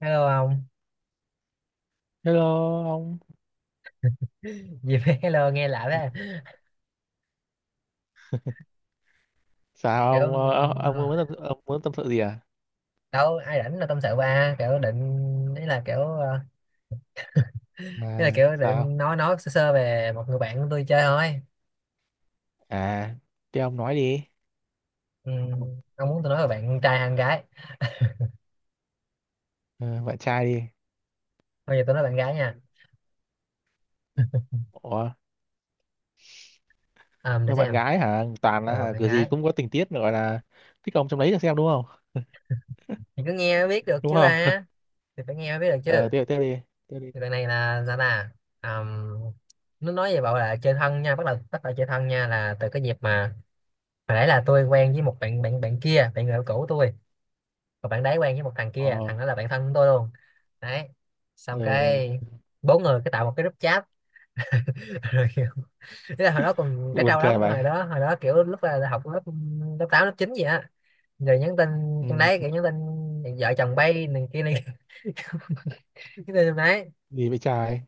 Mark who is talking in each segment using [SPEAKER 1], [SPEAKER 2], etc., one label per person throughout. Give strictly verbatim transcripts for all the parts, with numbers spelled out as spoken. [SPEAKER 1] Hello ông.
[SPEAKER 2] Hello, ông.
[SPEAKER 1] Gì mà hello nghe lạ thế?
[SPEAKER 2] Sao
[SPEAKER 1] Kiểu
[SPEAKER 2] ông ờ,
[SPEAKER 1] um,
[SPEAKER 2] ông muốn tâm ông muốn tâm sự gì à?
[SPEAKER 1] đâu ai rảnh là tâm sự ba, kiểu định ý là kiểu ờ,
[SPEAKER 2] À,
[SPEAKER 1] ý là kiểu
[SPEAKER 2] sao?
[SPEAKER 1] định nói nói sơ sơ về một người bạn của tôi chơi thôi.
[SPEAKER 2] À, thế ông nói đi.
[SPEAKER 1] Ừ, ông muốn tôi nói về bạn trai hay bạn gái?
[SPEAKER 2] Ờ, bạn trai đi.
[SPEAKER 1] Bây giờ tôi nói bạn gái nha.
[SPEAKER 2] Ủa
[SPEAKER 1] Ờ, để
[SPEAKER 2] mà bạn
[SPEAKER 1] xem.
[SPEAKER 2] gái hả, toàn là
[SPEAKER 1] Ờ,
[SPEAKER 2] hả,
[SPEAKER 1] bạn
[SPEAKER 2] kiểu gì
[SPEAKER 1] gái
[SPEAKER 2] cũng có tình tiết gọi là thích ông trong đấy, là xem đúng không?
[SPEAKER 1] thì cứ nghe mới biết được
[SPEAKER 2] Đúng
[SPEAKER 1] chứ
[SPEAKER 2] không?
[SPEAKER 1] ba. Thì phải nghe mới biết được
[SPEAKER 2] Ờ,
[SPEAKER 1] chứ.
[SPEAKER 2] tiếp tiếp đi, tiếp đi.
[SPEAKER 1] Thì bạn này là sao ta? Ờm, nó nói về bảo là chơi thân nha, bắt đầu bắt đầu chơi thân nha là từ cái dịp mà hồi nãy là tôi quen với một bạn bạn bạn kia, bạn người yêu cũ tôi. Và bạn đấy quen với một thằng kia,
[SPEAKER 2] ờ,
[SPEAKER 1] thằng đó là bạn thân của tôi luôn. Đấy, xong
[SPEAKER 2] ờ
[SPEAKER 1] cái bốn người cái tạo một cái group chat. Rồi kiểu thế là hồi đó còn trẻ
[SPEAKER 2] Buồn
[SPEAKER 1] trâu lắm,
[SPEAKER 2] cười vậy.
[SPEAKER 1] hồi đó hồi đó kiểu lúc là, là học lớp lớp tám lớp chín gì á. Rồi nhắn tin
[SPEAKER 2] Ừ.
[SPEAKER 1] trong đấy, kiểu nhắn tin vợ chồng bay này kia này. Cái tin trong đấy,
[SPEAKER 2] Gì vậy trai?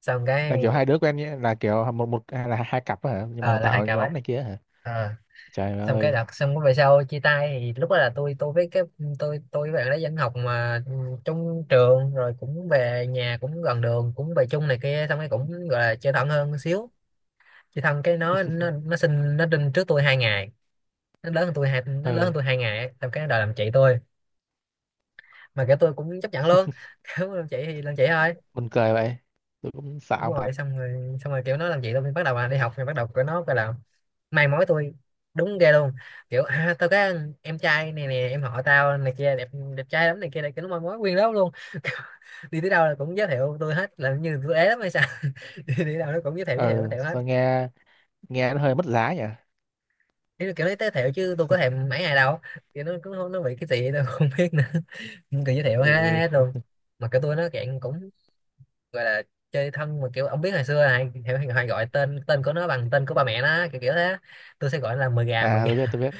[SPEAKER 1] xong
[SPEAKER 2] Là
[SPEAKER 1] cái
[SPEAKER 2] kiểu hai đứa quen nhé, là kiểu một một hay là hai cặp hả, nhưng mà
[SPEAKER 1] ờ, là hai
[SPEAKER 2] tạo
[SPEAKER 1] cặp ấy.
[SPEAKER 2] nhóm này kia hả?
[SPEAKER 1] Ờ.
[SPEAKER 2] Trời
[SPEAKER 1] Xong cái
[SPEAKER 2] ơi.
[SPEAKER 1] đợt, xong về sau chia tay thì lúc đó là tôi tôi với cái tôi tôi với bạn đấy vẫn học mà trong trường, rồi cũng về nhà cũng gần đường cũng về chung này kia, xong cái cũng gọi là chơi thân hơn xíu. Chơi thân cái nó nó nó sinh nó sinh trước tôi hai ngày. Nó lớn hơn tôi hai nó lớn
[SPEAKER 2] ờ
[SPEAKER 1] hơn tôi hai ngày ấy. Xong cái đòi làm chị tôi, mà kiểu tôi cũng chấp nhận luôn. Kiểu làm chị thì làm chị thôi.
[SPEAKER 2] Buồn cười vậy, tôi cũng sợ
[SPEAKER 1] Đúng
[SPEAKER 2] ông thật.
[SPEAKER 1] rồi, xong rồi xong rồi kiểu nó làm chị tôi bắt đầu là đi học, rồi bắt đầu của nó gọi là mai mối tôi. Đúng ghê luôn, kiểu à, tao có em trai này nè, em họ tao này kia, đẹp đẹp trai lắm này kia này kia, nó mai mối nguyên lớp luôn. Kiểu, đi tới đâu là cũng giới thiệu tôi hết, là như tôi ế lắm hay sao. đi, đi đâu nó cũng giới thiệu giới thiệu giới
[SPEAKER 2] ờ
[SPEAKER 1] thiệu hết.
[SPEAKER 2] sao nghe nghe nó hơi mất giá nhỉ.
[SPEAKER 1] Ý là kiểu nó giới thiệu chứ tôi có thèm mấy ngày đâu, kiểu nó cũng không, nó bị cái gì tôi không biết nữa. Nhưng kiểu giới thiệu hết,
[SPEAKER 2] Ừ.
[SPEAKER 1] hết luôn. Mà cái tôi nó dạng cũng gọi là chơi thân, mà kiểu ông biết hồi xưa này hay, hay, hay gọi tên tên của nó bằng tên của ba mẹ nó, kiểu kiểu thế. Tôi sẽ gọi nó là mười gà mười
[SPEAKER 2] À, tôi biết,
[SPEAKER 1] gà.
[SPEAKER 2] tôi biết.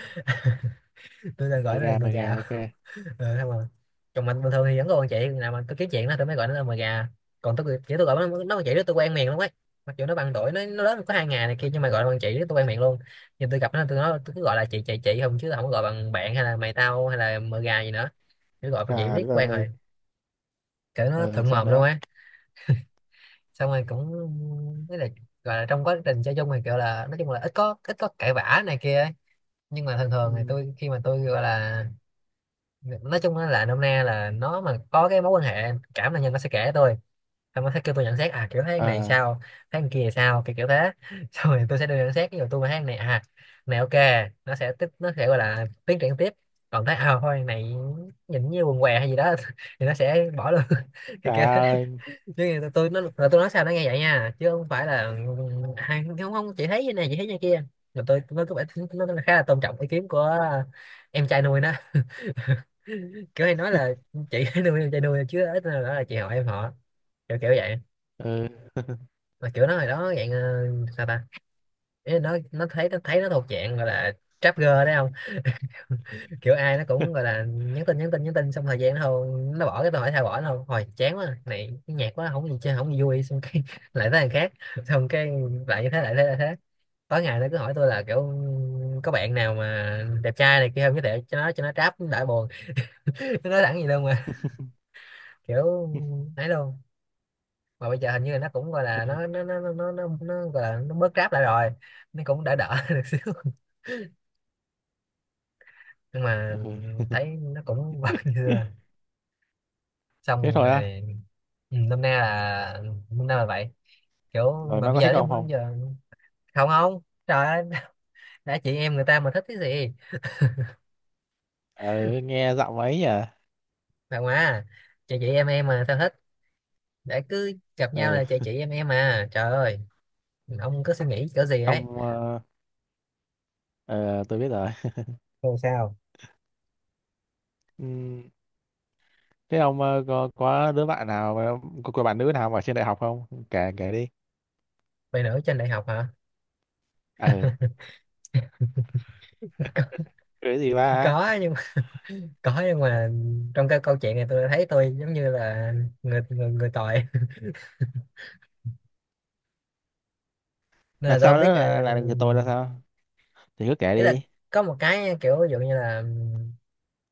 [SPEAKER 1] Tôi sẽ
[SPEAKER 2] Mời
[SPEAKER 1] gọi nó là
[SPEAKER 2] gà,
[SPEAKER 1] mười
[SPEAKER 2] mời gà,
[SPEAKER 1] gà.
[SPEAKER 2] ok.
[SPEAKER 1] Ờ, xong rồi chồng mình bình thường thì vẫn còn chị nào mà tôi kiếm chuyện đó tôi mới gọi nó là mà gà. Còn tôi chỉ tôi gọi nó nó bằng chị đó, tôi quen miệng lắm ấy. Mặc dù nó bằng tuổi, nó nó lớn có hai ngày này kia, nhưng mà gọi nó bằng chị đó tôi quen miệng luôn. Nhưng tôi gặp nó tôi nói tôi cứ gọi là chị chị chị không, chứ không có gọi bằng bạn hay là mày tao hay là mờ gà gì nữa. Cứ gọi bằng chị
[SPEAKER 2] Gà đất
[SPEAKER 1] riết quen
[SPEAKER 2] ơi.
[SPEAKER 1] rồi, kiểu nó
[SPEAKER 2] Ừ,
[SPEAKER 1] thuận
[SPEAKER 2] sao
[SPEAKER 1] mồm luôn
[SPEAKER 2] nữa?
[SPEAKER 1] á. Xong rồi cũng với là gọi là trong quá trình chơi chung thì kiểu là nói chung là ít có ít có cãi vã này kia ấy. Nhưng mà thường thường thì
[SPEAKER 2] Ừ.
[SPEAKER 1] tôi khi mà tôi gọi là nói chung á là nôm na là nó mà có cái mối quan hệ cảm là nhân, nó sẽ kể tôi. Xong nó sẽ kêu tôi nhận xét, à kiểu tháng này
[SPEAKER 2] ờ
[SPEAKER 1] sao tháng kia sao, kiểu kiểu thế. Xong rồi tôi sẽ đưa nhận xét, ví dụ tôi mà tháng này à này ok, nó sẽ tiếp nó sẽ gọi là tiến triển tiếp. Còn thấy à thôi này, nhìn như quần què hay gì đó thì nó sẽ bỏ luôn. Kiểu
[SPEAKER 2] Trời
[SPEAKER 1] kiểu thế,
[SPEAKER 2] ơi.
[SPEAKER 1] chứ mà tôi tôi nó là tôi nói sao nó nghe vậy nha, chứ không phải là "À, không không chị thấy như này chị thấy như kia." Mà tôi nó có vẻ nó nó khá là tôn trọng ý kiến của em trai nuôi nó, kiểu hay nói là chị nuôi em trai nuôi chứ ít nữa là chị họ em họ, kiểu kiểu vậy.
[SPEAKER 2] Ừ.
[SPEAKER 1] Mà kiểu nó hồi đó dạng ờ, sao ta. Ý là nó nó thấy nó thấy nó thuộc dạng gọi là trap girl đấy không? Kiểu ai nó cũng gọi là nhắn tin nhắn tin nhắn tin, xong thời gian nó không, nó bỏ, cái tôi hỏi sao bỏ, nó không hồi chán quá này, cái nhạc quá, không gì chơi, không gì vui, xong cái lại tới thằng khác. Xong cái lại như thế lại thế lại thế. Tối ngày nó cứ hỏi tôi là kiểu có bạn nào mà đẹp trai này kia không giới thiệu cho nó, cho nó trap đã buồn. Nó nói thẳng gì luôn mà, kiểu ấy luôn. Mà bây giờ hình như là nó cũng gọi là nó nó nó nó nó, nó, nó gọi là nó bớt ráp lại rồi. Nó cũng đỡ đỡ được xíu. Nhưng mà
[SPEAKER 2] Ừ.
[SPEAKER 1] thấy nó cũng vẫn như xưa.
[SPEAKER 2] Thế
[SPEAKER 1] Xong
[SPEAKER 2] thôi á?
[SPEAKER 1] rồi. Ừ, năm nay là năm nay là vậy, kiểu
[SPEAKER 2] Rồi
[SPEAKER 1] mà
[SPEAKER 2] nó
[SPEAKER 1] bây
[SPEAKER 2] có thích
[SPEAKER 1] giờ thì
[SPEAKER 2] ông
[SPEAKER 1] bây
[SPEAKER 2] không?
[SPEAKER 1] giờ. Không, không, trời ơi. Đã chị em người ta mà thích cái gì,
[SPEAKER 2] Ừ, nghe giọng ấy nhỉ.
[SPEAKER 1] bà ngoà, chị chị em em mà sao thích? Để cứ gặp nhau
[SPEAKER 2] Ừ.
[SPEAKER 1] là chị chị em em mà trời ơi, ông cứ suy nghĩ cỡ gì ấy?
[SPEAKER 2] ông ờ, ờ, tôi biết rồi.
[SPEAKER 1] Rồi sao?
[SPEAKER 2] Ừ. Thế ông ờ, có có đứa bạn nào mà- có, có bạn nữ nào mà ở trên đại học không, kể kể đi.
[SPEAKER 1] Vậy nữa, trên đại học hả?
[SPEAKER 2] Ừ. Cái gì ba?
[SPEAKER 1] Có nhưng có nhưng mà trong cái câu chuyện này tôi thấy tôi giống như là người người, người tội. Nên
[SPEAKER 2] Là
[SPEAKER 1] là tôi không
[SPEAKER 2] sao
[SPEAKER 1] biết
[SPEAKER 2] nữa,
[SPEAKER 1] ờ,
[SPEAKER 2] là là người tôi là sao? Thì cứ kể
[SPEAKER 1] ý là
[SPEAKER 2] đi.
[SPEAKER 1] có một cái kiểu ví dụ như là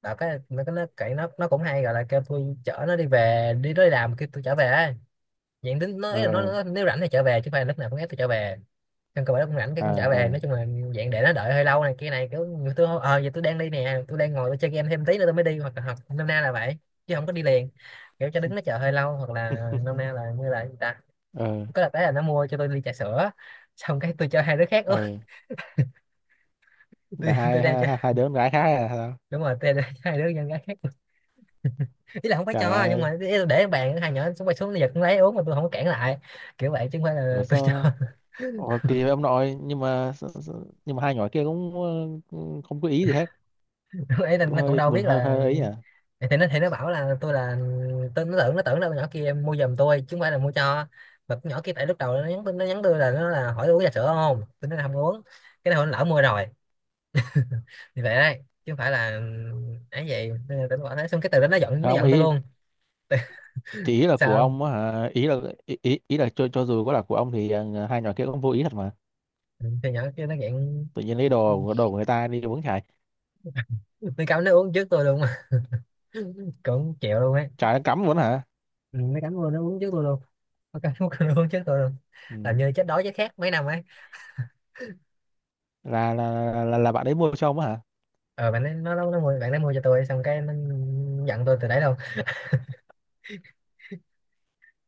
[SPEAKER 1] đọc cái nó nó nó nó cũng hay gọi là kêu tôi chở nó đi về, đi nó đi làm kêu tôi trở về ấy. Diện tính nó,
[SPEAKER 2] Ừ,
[SPEAKER 1] ý là nó,
[SPEAKER 2] ừ.
[SPEAKER 1] nó nếu rảnh thì trở về chứ không phải là lúc nào cũng ép tôi trở về. Trong cơ bản cũng rảnh cái cũng
[SPEAKER 2] Ờ,
[SPEAKER 1] trở về,
[SPEAKER 2] ờ.
[SPEAKER 1] nói chung là dạng để nó đợi hơi lâu này kia này, kiểu người tôi ờ giờ tôi đang đi nè, tôi đang ngồi tôi chơi game thêm tí nữa tôi mới đi, hoặc là hoặc nôm na là vậy. Chứ không có đi liền, kiểu cho đứng nó chờ hơi lâu, hoặc là nôm na là như là người ta.
[SPEAKER 2] Ừ,
[SPEAKER 1] Có là cái là nó mua cho tôi ly trà sữa, xong cái tôi cho hai đứa khác uống.
[SPEAKER 2] ừ. Là
[SPEAKER 1] tôi tôi
[SPEAKER 2] hai
[SPEAKER 1] đem
[SPEAKER 2] hai
[SPEAKER 1] cho,
[SPEAKER 2] hai hai đứa con gái khác à hả?
[SPEAKER 1] đúng rồi tôi đem cho hai đứa nhân gái khác. Ý là không phải
[SPEAKER 2] Trời
[SPEAKER 1] cho, nhưng
[SPEAKER 2] ơi.
[SPEAKER 1] mà ý là để bàn, hai nhỏ xuống bay xuống nó giật cũng lấy uống mà tôi không có cản lại, kiểu vậy chứ không phải là
[SPEAKER 2] Ủa,
[SPEAKER 1] tôi cho.
[SPEAKER 2] sao? Ủa, kỳ vậy ông nội, nhưng mà sao- sao- nhưng mà hai nhỏ kia cũng ờ, không có ý gì hết.
[SPEAKER 1] Ấy là
[SPEAKER 2] Cũng
[SPEAKER 1] nó cũng
[SPEAKER 2] hơi
[SPEAKER 1] đâu
[SPEAKER 2] buồn,
[SPEAKER 1] biết
[SPEAKER 2] hơi
[SPEAKER 1] là,
[SPEAKER 2] hơi ấy à?
[SPEAKER 1] thì nó thì nó bảo là tôi là, tôi nó tưởng nó tưởng là con nhỏ kia mua giùm tôi chứ không phải là mua cho. Mà con nhỏ kia, tại lúc đầu nó nhắn nó nhắn tôi là nó là hỏi uống trà sữa không, tôi nói là không uống. Cái này lỡ mua rồi, thì vậy đấy chứ không phải là ấy vậy. Nên là tôi bảo thế, xong cái từ đó nó giận nó
[SPEAKER 2] Không,
[SPEAKER 1] giận tôi
[SPEAKER 2] ý
[SPEAKER 1] luôn.
[SPEAKER 2] thì ý là của
[SPEAKER 1] Sao?
[SPEAKER 2] ông á hả, ý là, ý ý, ý là cho cho dù có là của ông thì ờ, hai nhỏ kia cũng vô ý thật mà.
[SPEAKER 1] Ừ, thì nhỏ kia nó giận,
[SPEAKER 2] Tự nhiên lấy đồ của- đồ của người ta đi uống. Chài
[SPEAKER 1] nó cắm nó uống trước tôi luôn. Cũng chịu luôn ấy.
[SPEAKER 2] chài, nó cắm luôn hả?
[SPEAKER 1] Ừ, nó cắm luôn nó uống trước tôi luôn, nó cắm, nó uống trước tôi luôn,
[SPEAKER 2] Ừ.
[SPEAKER 1] làm như chết đói chết khát mấy năm ấy.
[SPEAKER 2] là, là là là là bạn ấy mua cho ông á hả?
[SPEAKER 1] Ờ bạn ấy, nó nó nó mua bạn nó mua cho tôi, xong cái nó giận tôi từ đấy luôn.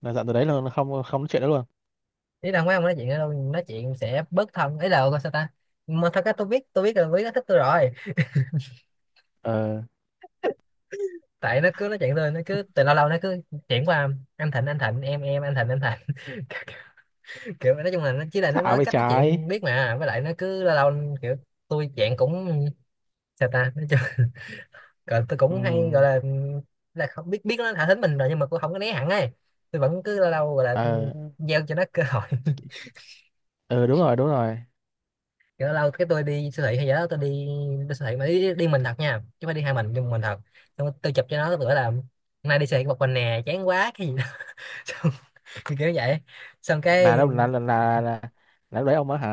[SPEAKER 2] Là dặn từ đấy là không không nói chuyện đó luôn.
[SPEAKER 1] Ý là mấy ông nói chuyện đâu, nói chuyện sẽ bớt thân ấy là ok, sao ta. Mà thật ra tôi biết tôi biết là Quý nó thích tôi rồi.
[SPEAKER 2] ờ
[SPEAKER 1] Tại nó cứ nói chuyện tôi, nó cứ từ lâu lâu nó cứ chuyển qua anh Thịnh anh Thịnh em em anh Thịnh anh Thịnh. Kiểu nói chung là nó chỉ là nó
[SPEAKER 2] Thả
[SPEAKER 1] nói
[SPEAKER 2] về
[SPEAKER 1] cách nói
[SPEAKER 2] trái.
[SPEAKER 1] chuyện biết mà, với lại nó cứ lâu lâu kiểu tôi dạng cũng sao ta nói chung. Còn tôi
[SPEAKER 2] Ừ,
[SPEAKER 1] cũng hay gọi là là không biết biết nó thả thính mình rồi, nhưng mà tôi không có né hẳn ấy. Tôi vẫn cứ lâu lâu gọi là
[SPEAKER 2] ờ.
[SPEAKER 1] gieo cho nó cơ hội.
[SPEAKER 2] Ừ, đúng rồi, đúng rồi.
[SPEAKER 1] Kiểu lâu lâu cái tôi đi siêu thị hay gì đó, tôi đi, đi Siêu thị mà đi đi mình thật nha, chứ không phải đi hai mình, đi một mình thật. Xong tôi chụp cho nó, bữa là hôm nay đi siêu thị một mình nè, chán quá cái gì đó. xong, kiểu kiểu vậy. Xong
[SPEAKER 2] là
[SPEAKER 1] cái,
[SPEAKER 2] đâu là là là là, là lúc đấy ông ở hả?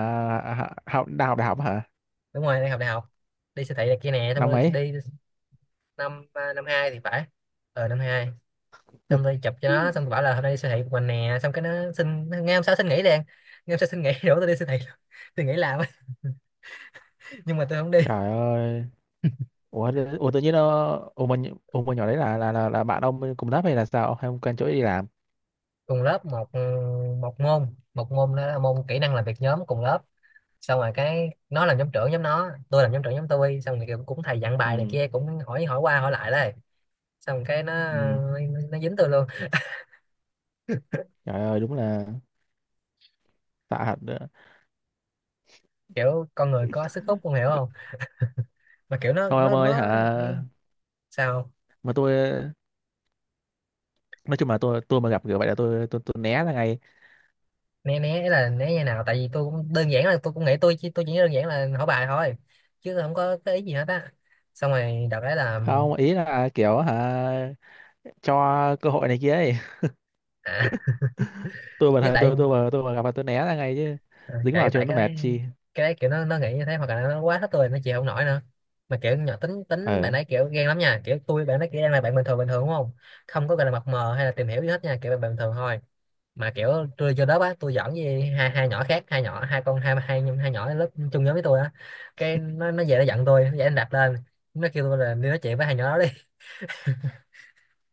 [SPEAKER 2] hả- Học đại học, đại học hả?
[SPEAKER 1] đúng rồi, đang học đại học. Đi siêu thị này kia nè, xong
[SPEAKER 2] Năm
[SPEAKER 1] rồi
[SPEAKER 2] mấy?
[SPEAKER 1] đi. Năm à, năm hai thì phải. Ờ, năm hai. Xong tôi chụp cho nó, xong tôi bảo là hôm nay đi siêu thị một mình nè, xong cái nó xin ngay hôm sau, xin nghỉ liền. Ngay hôm sau xin nghỉ đổ tôi đi siêu thị luôn. Tôi nghỉ làm á, nhưng mà tôi không đi.
[SPEAKER 2] Trời ơi. Ủa, tự- ủa tự nhiên nó. Ủa mà nh- ủa mà nhỏ đấy là là là, là bạn ông cùng lớp hay là sao, hay ông quen chỗ ấy đi làm?
[SPEAKER 1] Cùng lớp, một, ừ, một môn, một môn đó là môn kỹ năng làm việc nhóm, cùng lớp. Xong rồi cái nó làm nhóm trưởng nhóm nó, tôi làm nhóm trưởng nhóm tôi, xong rồi kiểu cũng thầy dặn bài này
[SPEAKER 2] Ừ,
[SPEAKER 1] kia, cũng hỏi, hỏi qua hỏi lại đây. Xong cái nó
[SPEAKER 2] ừ.
[SPEAKER 1] nó dính tôi luôn.
[SPEAKER 2] Trời ơi, đúng là tạ thật nữa.
[SPEAKER 1] Kiểu con người có sức hút, con hiểu không? Mà kiểu nó
[SPEAKER 2] Thôi ông
[SPEAKER 1] nó
[SPEAKER 2] ơi
[SPEAKER 1] nó
[SPEAKER 2] hả.
[SPEAKER 1] sao.
[SPEAKER 2] Mà tôi nói chung là tôi tôi mà gặp kiểu vậy là tôi tôi tôi né ra ngay.
[SPEAKER 1] Né, né là né như nào? Tại vì tôi cũng đơn giản là tôi cũng nghĩ, tôi chỉ tôi chỉ đơn giản là hỏi bài thôi, chứ tôi không có cái ý gì hết á. Xong rồi đợt đấy là
[SPEAKER 2] Không, ý là kiểu hả, cho cơ hội này kia ấy.
[SPEAKER 1] à,
[SPEAKER 2] tôi mà
[SPEAKER 1] ý
[SPEAKER 2] thấy-
[SPEAKER 1] tại
[SPEAKER 2] tôi tôi mà tôi mà gặp là tôi né ra ngay chứ.
[SPEAKER 1] à,
[SPEAKER 2] Dính
[SPEAKER 1] tại
[SPEAKER 2] vào cho
[SPEAKER 1] tại
[SPEAKER 2] nó
[SPEAKER 1] cái
[SPEAKER 2] mệt
[SPEAKER 1] đấy.
[SPEAKER 2] chi.
[SPEAKER 1] Cái đấy kiểu nó nó nghĩ như thế, hoặc là nó quá thích tôi, nó chịu không nổi nữa. Mà kiểu nhỏ, tính
[SPEAKER 2] ờ
[SPEAKER 1] tính bạn ấy kiểu ghen lắm nha, kiểu tôi bạn ấy kiểu đang là bạn bình thường, bình thường, đúng không? Không có gọi là mập mờ hay là tìm hiểu gì hết nha, kiểu bạn bình thường thôi. Mà kiểu tôi vô lớp á, tôi giỡn với hai hai nhỏ khác, hai nhỏ, hai con, hai hai hai nhỏ lớp chung nhóm với tôi á. Cái nó nó về nó giận tôi, nó dậy nó đạp lên. Nó kêu tôi là đi nói chuyện với hai nhỏ đó đi.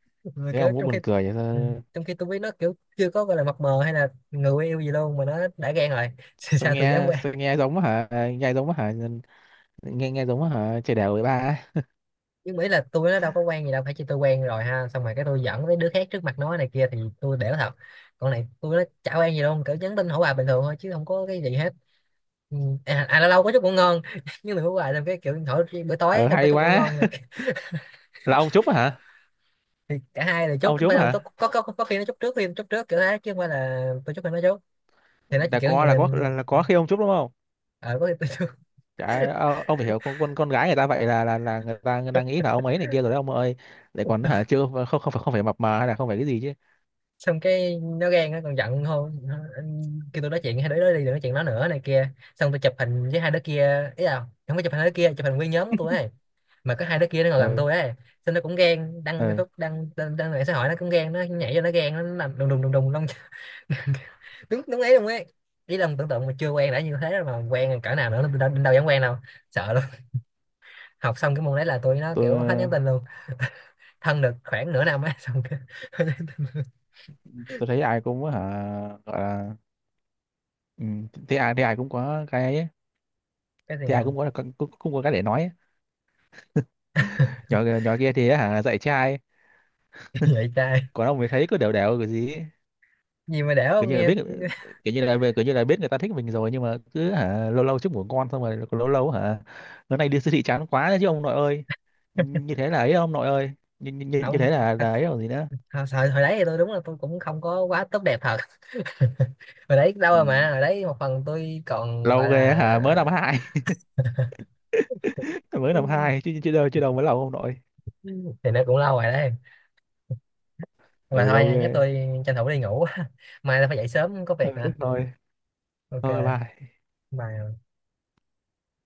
[SPEAKER 1] Mà
[SPEAKER 2] Thế
[SPEAKER 1] kiểu
[SPEAKER 2] ông cũng
[SPEAKER 1] trong khi
[SPEAKER 2] buồn cười vậy
[SPEAKER 1] ừ,
[SPEAKER 2] sao?
[SPEAKER 1] trong khi tôi biết nó kiểu chưa có gọi là mập mờ hay là người yêu gì luôn mà nó đã ghen rồi.
[SPEAKER 2] Sao
[SPEAKER 1] Sao tôi dám
[SPEAKER 2] nghe sao
[SPEAKER 1] qua.
[SPEAKER 2] nghe giống hả. À, nghe giống hả. Nghe nghe giống hả, chơi đèo với ba ấy.
[SPEAKER 1] Nhưng mà ý là tôi nó đâu có quen gì đâu, phải chỉ tôi quen rồi ha, xong rồi cái tôi dẫn với đứa khác trước mặt nó này kia thì tôi đểu thật. Còn này tôi nó chả quen gì đâu, cỡ nhắn tin hỏi bà bình thường thôi, chứ không có cái gì hết. Ừ. À, à lâu lâu có chút ngủ ngon. Nhưng mà hỏi bà xong cái kiểu hỏi bữa tối ấy,
[SPEAKER 2] ờ
[SPEAKER 1] xong có
[SPEAKER 2] Hay
[SPEAKER 1] chút ngủ
[SPEAKER 2] quá.
[SPEAKER 1] ngon này.
[SPEAKER 2] Là ông Trúc hả?
[SPEAKER 1] Thì cả hai đều chốt,
[SPEAKER 2] Ông
[SPEAKER 1] không
[SPEAKER 2] Trúc
[SPEAKER 1] phải không có,
[SPEAKER 2] hả?
[SPEAKER 1] có, có, có khi nó chốt trước, khi nó chốt trước kiểu thế, chứ không phải là tôi chốt hay nó chốt. Thì nó
[SPEAKER 2] là
[SPEAKER 1] kiểu
[SPEAKER 2] có
[SPEAKER 1] như
[SPEAKER 2] là có
[SPEAKER 1] mình.
[SPEAKER 2] là, là có khi ông Trúc đúng không?
[SPEAKER 1] Ờ, có khi tôi
[SPEAKER 2] Chả, ờ, ông phải hiểu con con con gái người ta vậy là là là người ta người ta nghĩ là ông ấy này kia rồi đấy ông ơi. Lại
[SPEAKER 1] chốt.
[SPEAKER 2] còn hả, chưa không không phải không phải mập mờ, hay là không phải cái gì chứ.
[SPEAKER 1] Xong cái nó ghen, nó còn giận hơn, nó kêu tôi nói chuyện hai đứa đó đi, đừng nói chuyện nó nữa này kia. Xong tôi chụp hình với hai đứa kia, ý là không có chụp hình hai đứa kia, chụp hình nguyên nhóm của tôi ấy, mà có hai đứa kia nó ngồi gần
[SPEAKER 2] Ừ,
[SPEAKER 1] tôi ấy. Xong nó cũng ghen, đăng
[SPEAKER 2] ừ.
[SPEAKER 1] Facebook, đăng đăng, đăng mạng xã hội nó cũng ghen, nó nhảy vô nó ghen, nó làm đùng đùng đùng đùng long. đúng đúng ấy luôn ấy. Ý là tưởng tượng mà chưa quen đã như thế rồi, mà quen cỡ nào nữa, đâu, đâu dám quen đâu, sợ luôn. Học xong cái môn đấy là tôi nó
[SPEAKER 2] tôi
[SPEAKER 1] kiểu hết nhắn tin luôn. Thân được khoảng nửa năm ấy, xong cái hết nhắn tin luôn.
[SPEAKER 2] tôi thấy ai cũng hả, gọi là. Ừ, thì ai thì ai cũng có cái ấy,
[SPEAKER 1] Cái gì
[SPEAKER 2] thì ai
[SPEAKER 1] không?
[SPEAKER 2] cũng có, cũng, cũng có cái để nói. Nhỏ nhỏ kia thì ấy hả dạy trai.
[SPEAKER 1] Vậy trai
[SPEAKER 2] Còn ông mới thấy cứ đều đều cái gì ấy.
[SPEAKER 1] gì mà đẻo
[SPEAKER 2] Cứ
[SPEAKER 1] không
[SPEAKER 2] như là
[SPEAKER 1] nghe.
[SPEAKER 2] biết, kiểu như là kiểu như là biết người ta thích mình rồi, nhưng mà cứ hả lâu lâu chúc ngủ ngon, xong rồi lâu lâu hả bữa nay đi siêu thị chán quá đấy chứ ông nội ơi. Như thế là ấy ông nội ơi. Như, như, như như
[SPEAKER 1] Không,
[SPEAKER 2] thế là
[SPEAKER 1] thật,
[SPEAKER 2] là ấy, còn gì nữa.
[SPEAKER 1] hồi, hồi hồi đấy thì tôi đúng là tôi cũng không có quá tốt đẹp thật. Hồi đấy lâu
[SPEAKER 2] Ừ.
[SPEAKER 1] rồi, mà hồi đấy một phần tôi còn
[SPEAKER 2] Lâu
[SPEAKER 1] gọi
[SPEAKER 2] ghê á
[SPEAKER 1] là,
[SPEAKER 2] hả, mới năm hai? Mới năm hai chứ chứ đâu chứ đâu mới lâu ông nội.
[SPEAKER 1] thì nó cũng lâu rồi đấy. Mà
[SPEAKER 2] Ừ,
[SPEAKER 1] thôi
[SPEAKER 2] lâu
[SPEAKER 1] nha, chắc
[SPEAKER 2] ghê.
[SPEAKER 1] tôi tranh thủ đi ngủ, mai tôi phải dậy sớm có
[SPEAKER 2] Ừ,
[SPEAKER 1] việc nữa.
[SPEAKER 2] thế thôi.
[SPEAKER 1] OK,
[SPEAKER 2] Thôi, bye.
[SPEAKER 1] bye.